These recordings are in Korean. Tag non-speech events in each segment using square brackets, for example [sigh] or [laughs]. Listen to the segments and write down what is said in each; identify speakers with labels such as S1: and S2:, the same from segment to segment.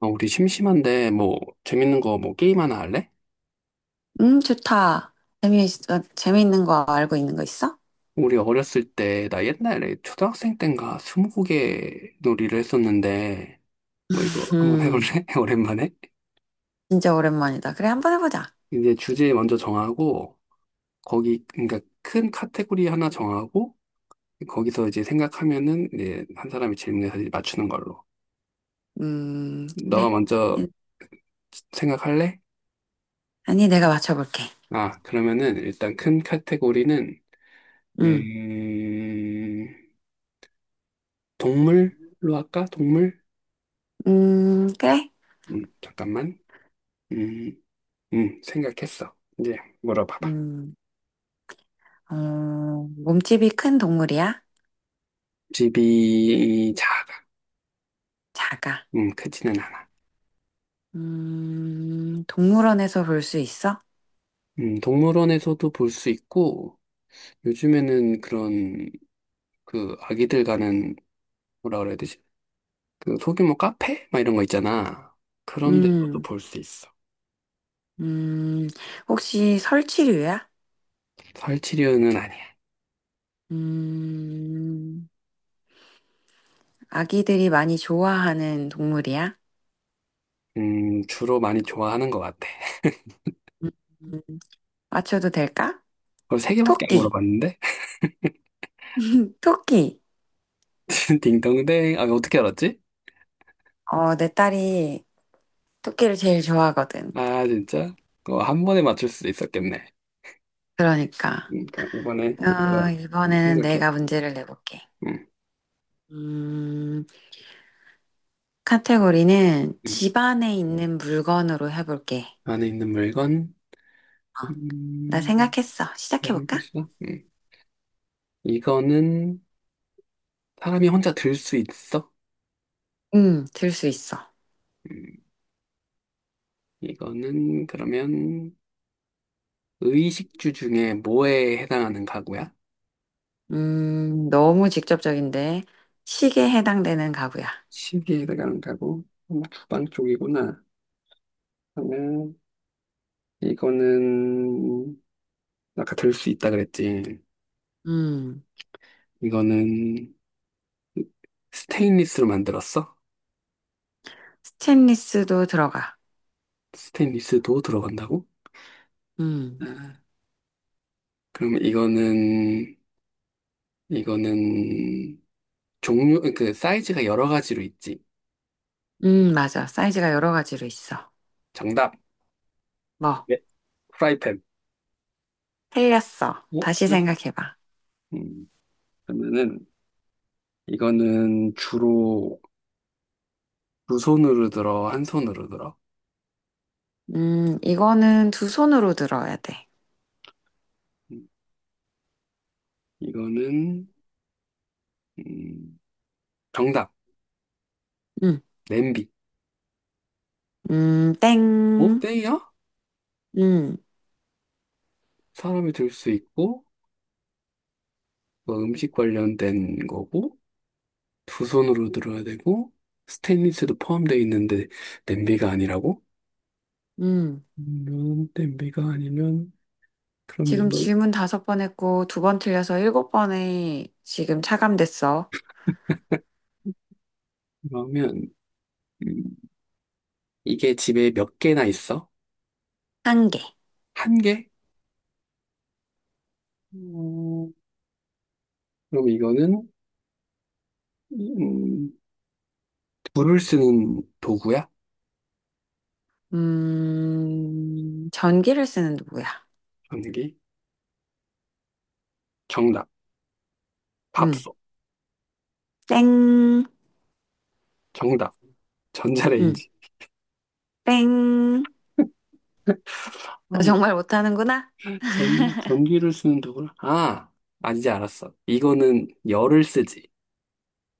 S1: 우리 심심한데 뭐 재밌는 거 뭐 게임 하나 할래?
S2: 좋다. 재미, 재미있는 거 알고 있는 거 있어?
S1: 우리 어렸을 때 나 옛날에 초등학생 땐가 스무고개 놀이를 했었는데
S2: 음,
S1: 뭐 이거 한번 해볼래?
S2: [laughs]
S1: [laughs] 오랜만에?
S2: 진짜 오랜만이다. 그래, 한번 해보자.
S1: 이제 주제 먼저 정하고 거기 그러니까 큰 카테고리 하나 정하고 거기서 이제 생각하면은 이제 한 사람이 질문해서 이제 맞추는 걸로. 너가
S2: 그래.
S1: 먼저 생각할래?
S2: 아니, 내가 맞춰볼게.
S1: 아, 그러면은 일단 큰 카테고리는
S2: 음,
S1: 음 동물로 할까? 동물?
S2: 그래.
S1: 잠깐만. 음, 생각했어. 이제 물어봐봐.
S2: 음, 어, 몸집이 큰 동물이야?
S1: 집이 작아.
S2: 작아.
S1: 크지는 않아.
S2: 동물원에서 볼 수 있어?
S1: 동물원에서도 볼 수 있고, 요즘에는 그런, 그, 아기들 가는, 뭐라 그래야 되지? 그, 소규모 카페? 막 이런 거 있잖아. 그런 데서도
S2: 음,
S1: 볼 수 있어.
S2: 음, 혹시 설치류야?
S1: 설치류는 아니야.
S2: 음, 아기들이 많이 좋아하는 동물이야?
S1: 주로 많이 좋아하는 것 같아.
S2: 음, 맞춰도 될까?
S1: 그걸 세 개밖에 안
S2: 토끼,
S1: 물어봤는데? [laughs]
S2: 토끼.
S1: 딩동댕. 아, 어떻게 알았지?
S2: 어, 내 딸이 토끼를 제일 좋아하거든.
S1: 아, 진짜? 어, 한 번에 맞출 수 있었겠네.
S2: 그러니까.
S1: 그러니까 이번에 너가
S2: 어, 이번에는
S1: 생각해봐.
S2: 내가 문제를 내볼게.
S1: 응,
S2: 음, 카테고리는
S1: 응.
S2: 집 안에 있는 물건으로 해볼게.
S1: 안에 있는 물건,
S2: 어, 나
S1: 음,
S2: 생각했어. 시작해볼까?
S1: 모르겠어. 응. 이거는 사람이 혼자 들 수 있어?
S2: 들 수 있어.
S1: 음, 이거는 그러면 의식주 중에 뭐에 해당하는 가구야?
S2: 너무 직접적인데. 시계에 해당되는 가구야.
S1: 시계에 해당하는 가구? 주방 쪽이구나. 그러면 이거는 아까 들 수 있다 그랬지.
S2: 음,
S1: 이거는 스테인리스로 만들었어?
S2: 스테인리스도 들어가.
S1: 스테인리스도 들어간다고?
S2: 음,
S1: 아, 그럼 이거는, 이거는 종류, 그 사이즈가 여러 가지로 있지.
S2: 맞아. 사이즈가 여러 가지로 있어.
S1: 정답.
S2: 뭐,
S1: 네. 프라이팬.
S2: 틀렸어.
S1: 어?
S2: 다시
S1: 틀렸어?
S2: 생각해봐.
S1: 음, 그러면은 이거는 주로 두 손으로 들어, 한 손으로 들어.
S2: 이거는 두 손으로 들어야 돼.
S1: 음, 이거는 음, 정답.
S2: 음,
S1: 냄비. 어?
S2: 땡.
S1: 땡이야?
S2: 음,
S1: 사람이 들 수 있고 뭐 음식 관련된 거고 두 손으로 들어야 되고 스테인리스도 포함되어 있는데 냄비가 아니라고?
S2: 음.
S1: 냄비가 아니면 그럼
S2: 지금
S1: 이거,
S2: 질문 5번 했고, 2번 틀려서 일곱 번에 지금 차감됐어.
S1: 그러면, 음, 이게 집에 몇 개나 있어?
S2: 1개.
S1: 한 개? 음, 그럼 이거는, 음, 불을 쓰는 도구야?
S2: 전기를 쓰는 누구야?
S1: 전기? 정답.
S2: 음,
S1: 밥솥.
S2: 땡.
S1: 정답.
S2: 음,
S1: 전자레인지.
S2: 땡.
S1: 아,
S2: 너
S1: 뭐,
S2: 정말 못하는구나?
S1: 전기를 쓰는 도구라? 아, 아, 이제 알았어. 이거는 열을 쓰지.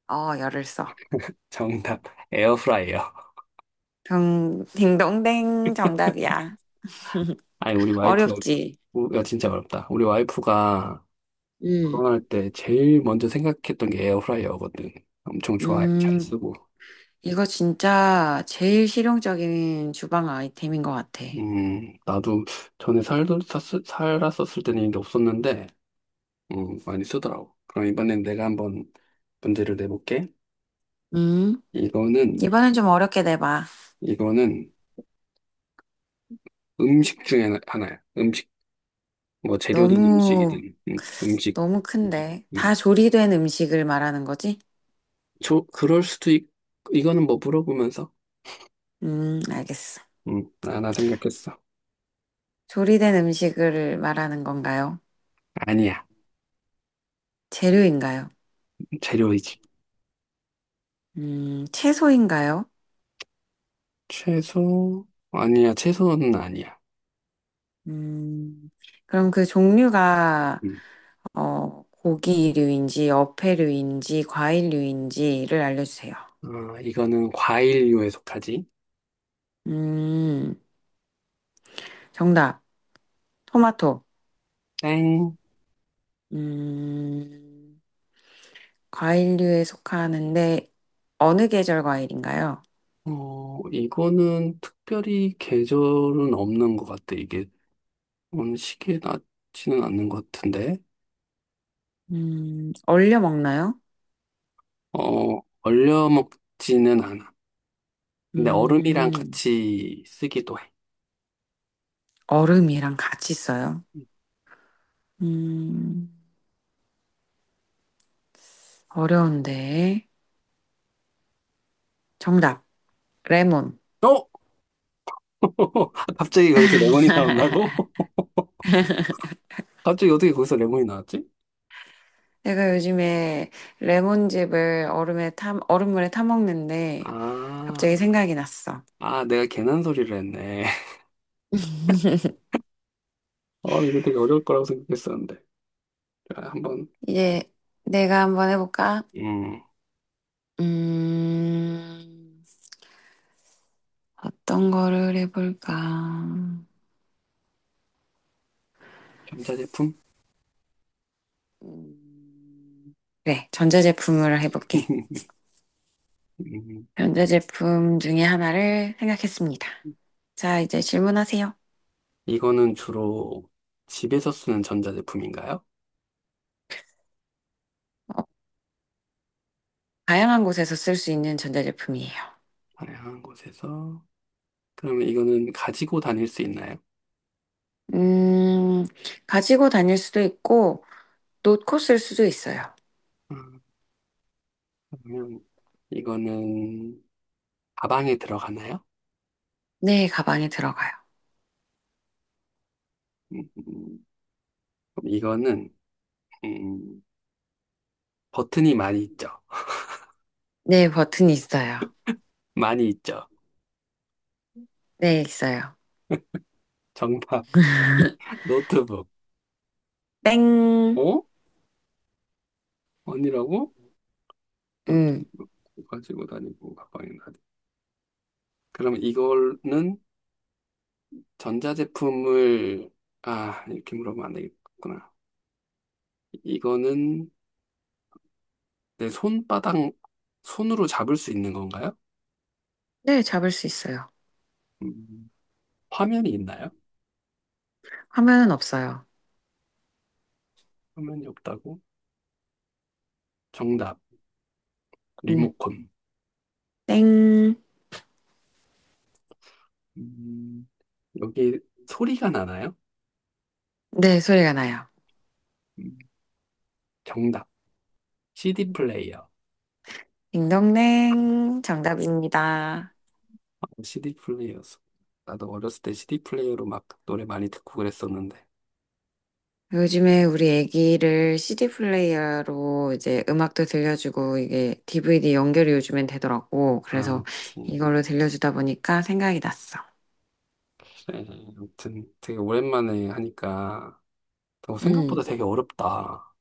S2: 어, 열을 써.
S1: 정답. 에어프라이어.
S2: 딩동댕 정답이야.
S1: 아니, 우리 와이프, 어,
S2: 어렵지?
S1: 야, 진짜 어렵다. 우리 와이프가
S2: 음,
S1: 결혼할 때 제일 먼저 생각했던 게 에어프라이어거든. 엄청 좋아해. 잘
S2: 음,
S1: 쓰고.
S2: 이거 진짜 제일 실용적인 주방 아이템인 것 같아.
S1: 나도 전에 살았었을 때는 이게 없었는데, 많이 쓰더라고. 그럼 이번엔 내가 한번 문제를 내볼게.
S2: 음,
S1: 이거는,
S2: 이번엔 좀 어렵게 내봐.
S1: 이거는 음식 중에 하나야. 음식, 뭐 재료든
S2: 너무,
S1: 음식이든, 음식.
S2: 너무 큰데. 다
S1: 음.
S2: 조리된 음식을 말하는 거지?
S1: 저, 그럴 수도 있, 이거는 뭐 물어보면서,
S2: 알겠어.
S1: 하나 생각했어.
S2: 조리된 음식을 말하는 건가요?
S1: 아니야.
S2: 재료인가요?
S1: 재료이지.
S2: 채소인가요?
S1: 채소, 아니야. 채소는 아니야.
S2: 음, 그럼 그 종류가,
S1: 음.
S2: 어, 고기류인지, 어패류인지, 과일류인지를 알려주세요.
S1: 아, 이거는 과일류에 속하지.
S2: 음, 정답. 토마토.
S1: 땡.
S2: 음, 과일류에 속하는데 어느 계절 과일인가요?
S1: 어, 이거는 특별히 계절은 없는 것 같아. 이게 음식에 닿지는 않는 것 같은데.
S2: 얼려 먹나요?
S1: 어, 얼려 먹지는 않아. 근데 얼음이랑
S2: 음,
S1: 같이 쓰기도 해.
S2: 얼음이랑 같이 써요. 음, 어려운데. 정답, 레몬.
S1: 어? [laughs] 갑자기 거기서 레몬이 나온다고? [laughs] 갑자기 어떻게 거기서 레몬이 나왔지?
S2: 제가 요즘에 레몬즙을 얼음물에 타 먹는데 갑자기
S1: 아,
S2: 생각이 났어.
S1: 아, 내가 괜한 소리를 했네. [laughs] 어, 이거 되게 어려울 거라고 생각했었는데. 자, 한번,
S2: 이제 내가 한번 해볼까?
S1: 음,
S2: 음, 어떤 거를 해볼까?
S1: 전자제품?
S2: 음, 그래, 전자제품으로 해볼게.
S1: [laughs] 음,
S2: 전자제품 중에 하나를 생각했습니다. 자, 이제 질문하세요.
S1: 이거는 주로 집에서 쓰는 전자제품인가요?
S2: 다양한 곳에서 쓸 수 있는 전자제품이에요.
S1: 다양한 곳에서. 그러면 이거는 가지고 다닐 수 있나요?
S2: 음, 가지고 다닐 수도 있고, 놓고 쓸 수도 있어요.
S1: 음, 그러면 이거는 가방에 들어가나요?
S2: 네, 가방에 들어가요.
S1: 음, 음, 그럼 이거는 음, 버튼이 많이 있죠.
S2: 네, 버튼이 있어요.
S1: 많이 있죠.
S2: 네, 있어요.
S1: 정답 [laughs] 노트북.
S2: 땡.
S1: 어? 아니라고?
S2: 음,
S1: 버튼이 없고 가지고 다니고 가방에 다니. 그러면 이거는 전자제품을 아 이렇게 물어보면 안 되겠구나. 이거는 내 손바닥, 손으로 잡을 수 있는 건가요?
S2: 네, 잡을 수 있어요.
S1: 음, 화면이 있나요?
S2: 화면은 없어요.
S1: 화면이 없다고? 정답,
S2: 음,
S1: 리모컨.
S2: 땡.
S1: 음, 여기 소리가 나나요?
S2: 네, 소리가 나요.
S1: 음, 정답, CD 플레이어.
S2: 딩동댕. 정답입니다.
S1: 아, CD 플레이어였어. 나도 어렸을 때 CD 플레이어로 막 노래 많이 듣고 그랬었는데.
S2: 요즘에 우리 애기를 CD 플레이어로 이제 음악도 들려주고 이게 DVD 연결이 요즘엔 되더라고.
S1: 아,
S2: 그래서
S1: 그치.
S2: 이걸로 들려주다 보니까 생각이 났어.
S1: 그래, 아무튼 되게 오랜만에 하니까 어, 생각보다
S2: 음.
S1: 되게 어렵다.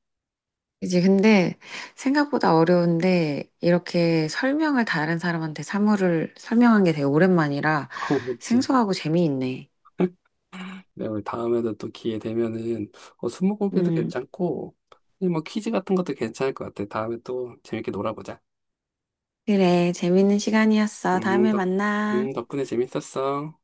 S2: 이제 근데 생각보다 어려운데 이렇게 설명을 다른 사람한테 사물을 설명한 게 되게 오랜만이라
S1: [laughs] 그치.
S2: 생소하고 재미있네.
S1: 네, 우리 다음에도 또 기회 되면은 어, 스무고개도
S2: 음.
S1: 괜찮고 뭐 퀴즈 같은 것도 괜찮을 것 같아. 다음에 또 재밌게 놀아보자.
S2: 그래, 재밌는 시간이었어.
S1: 음,
S2: 다음에
S1: 덕,
S2: 만나.
S1: 덕분에 재밌었어.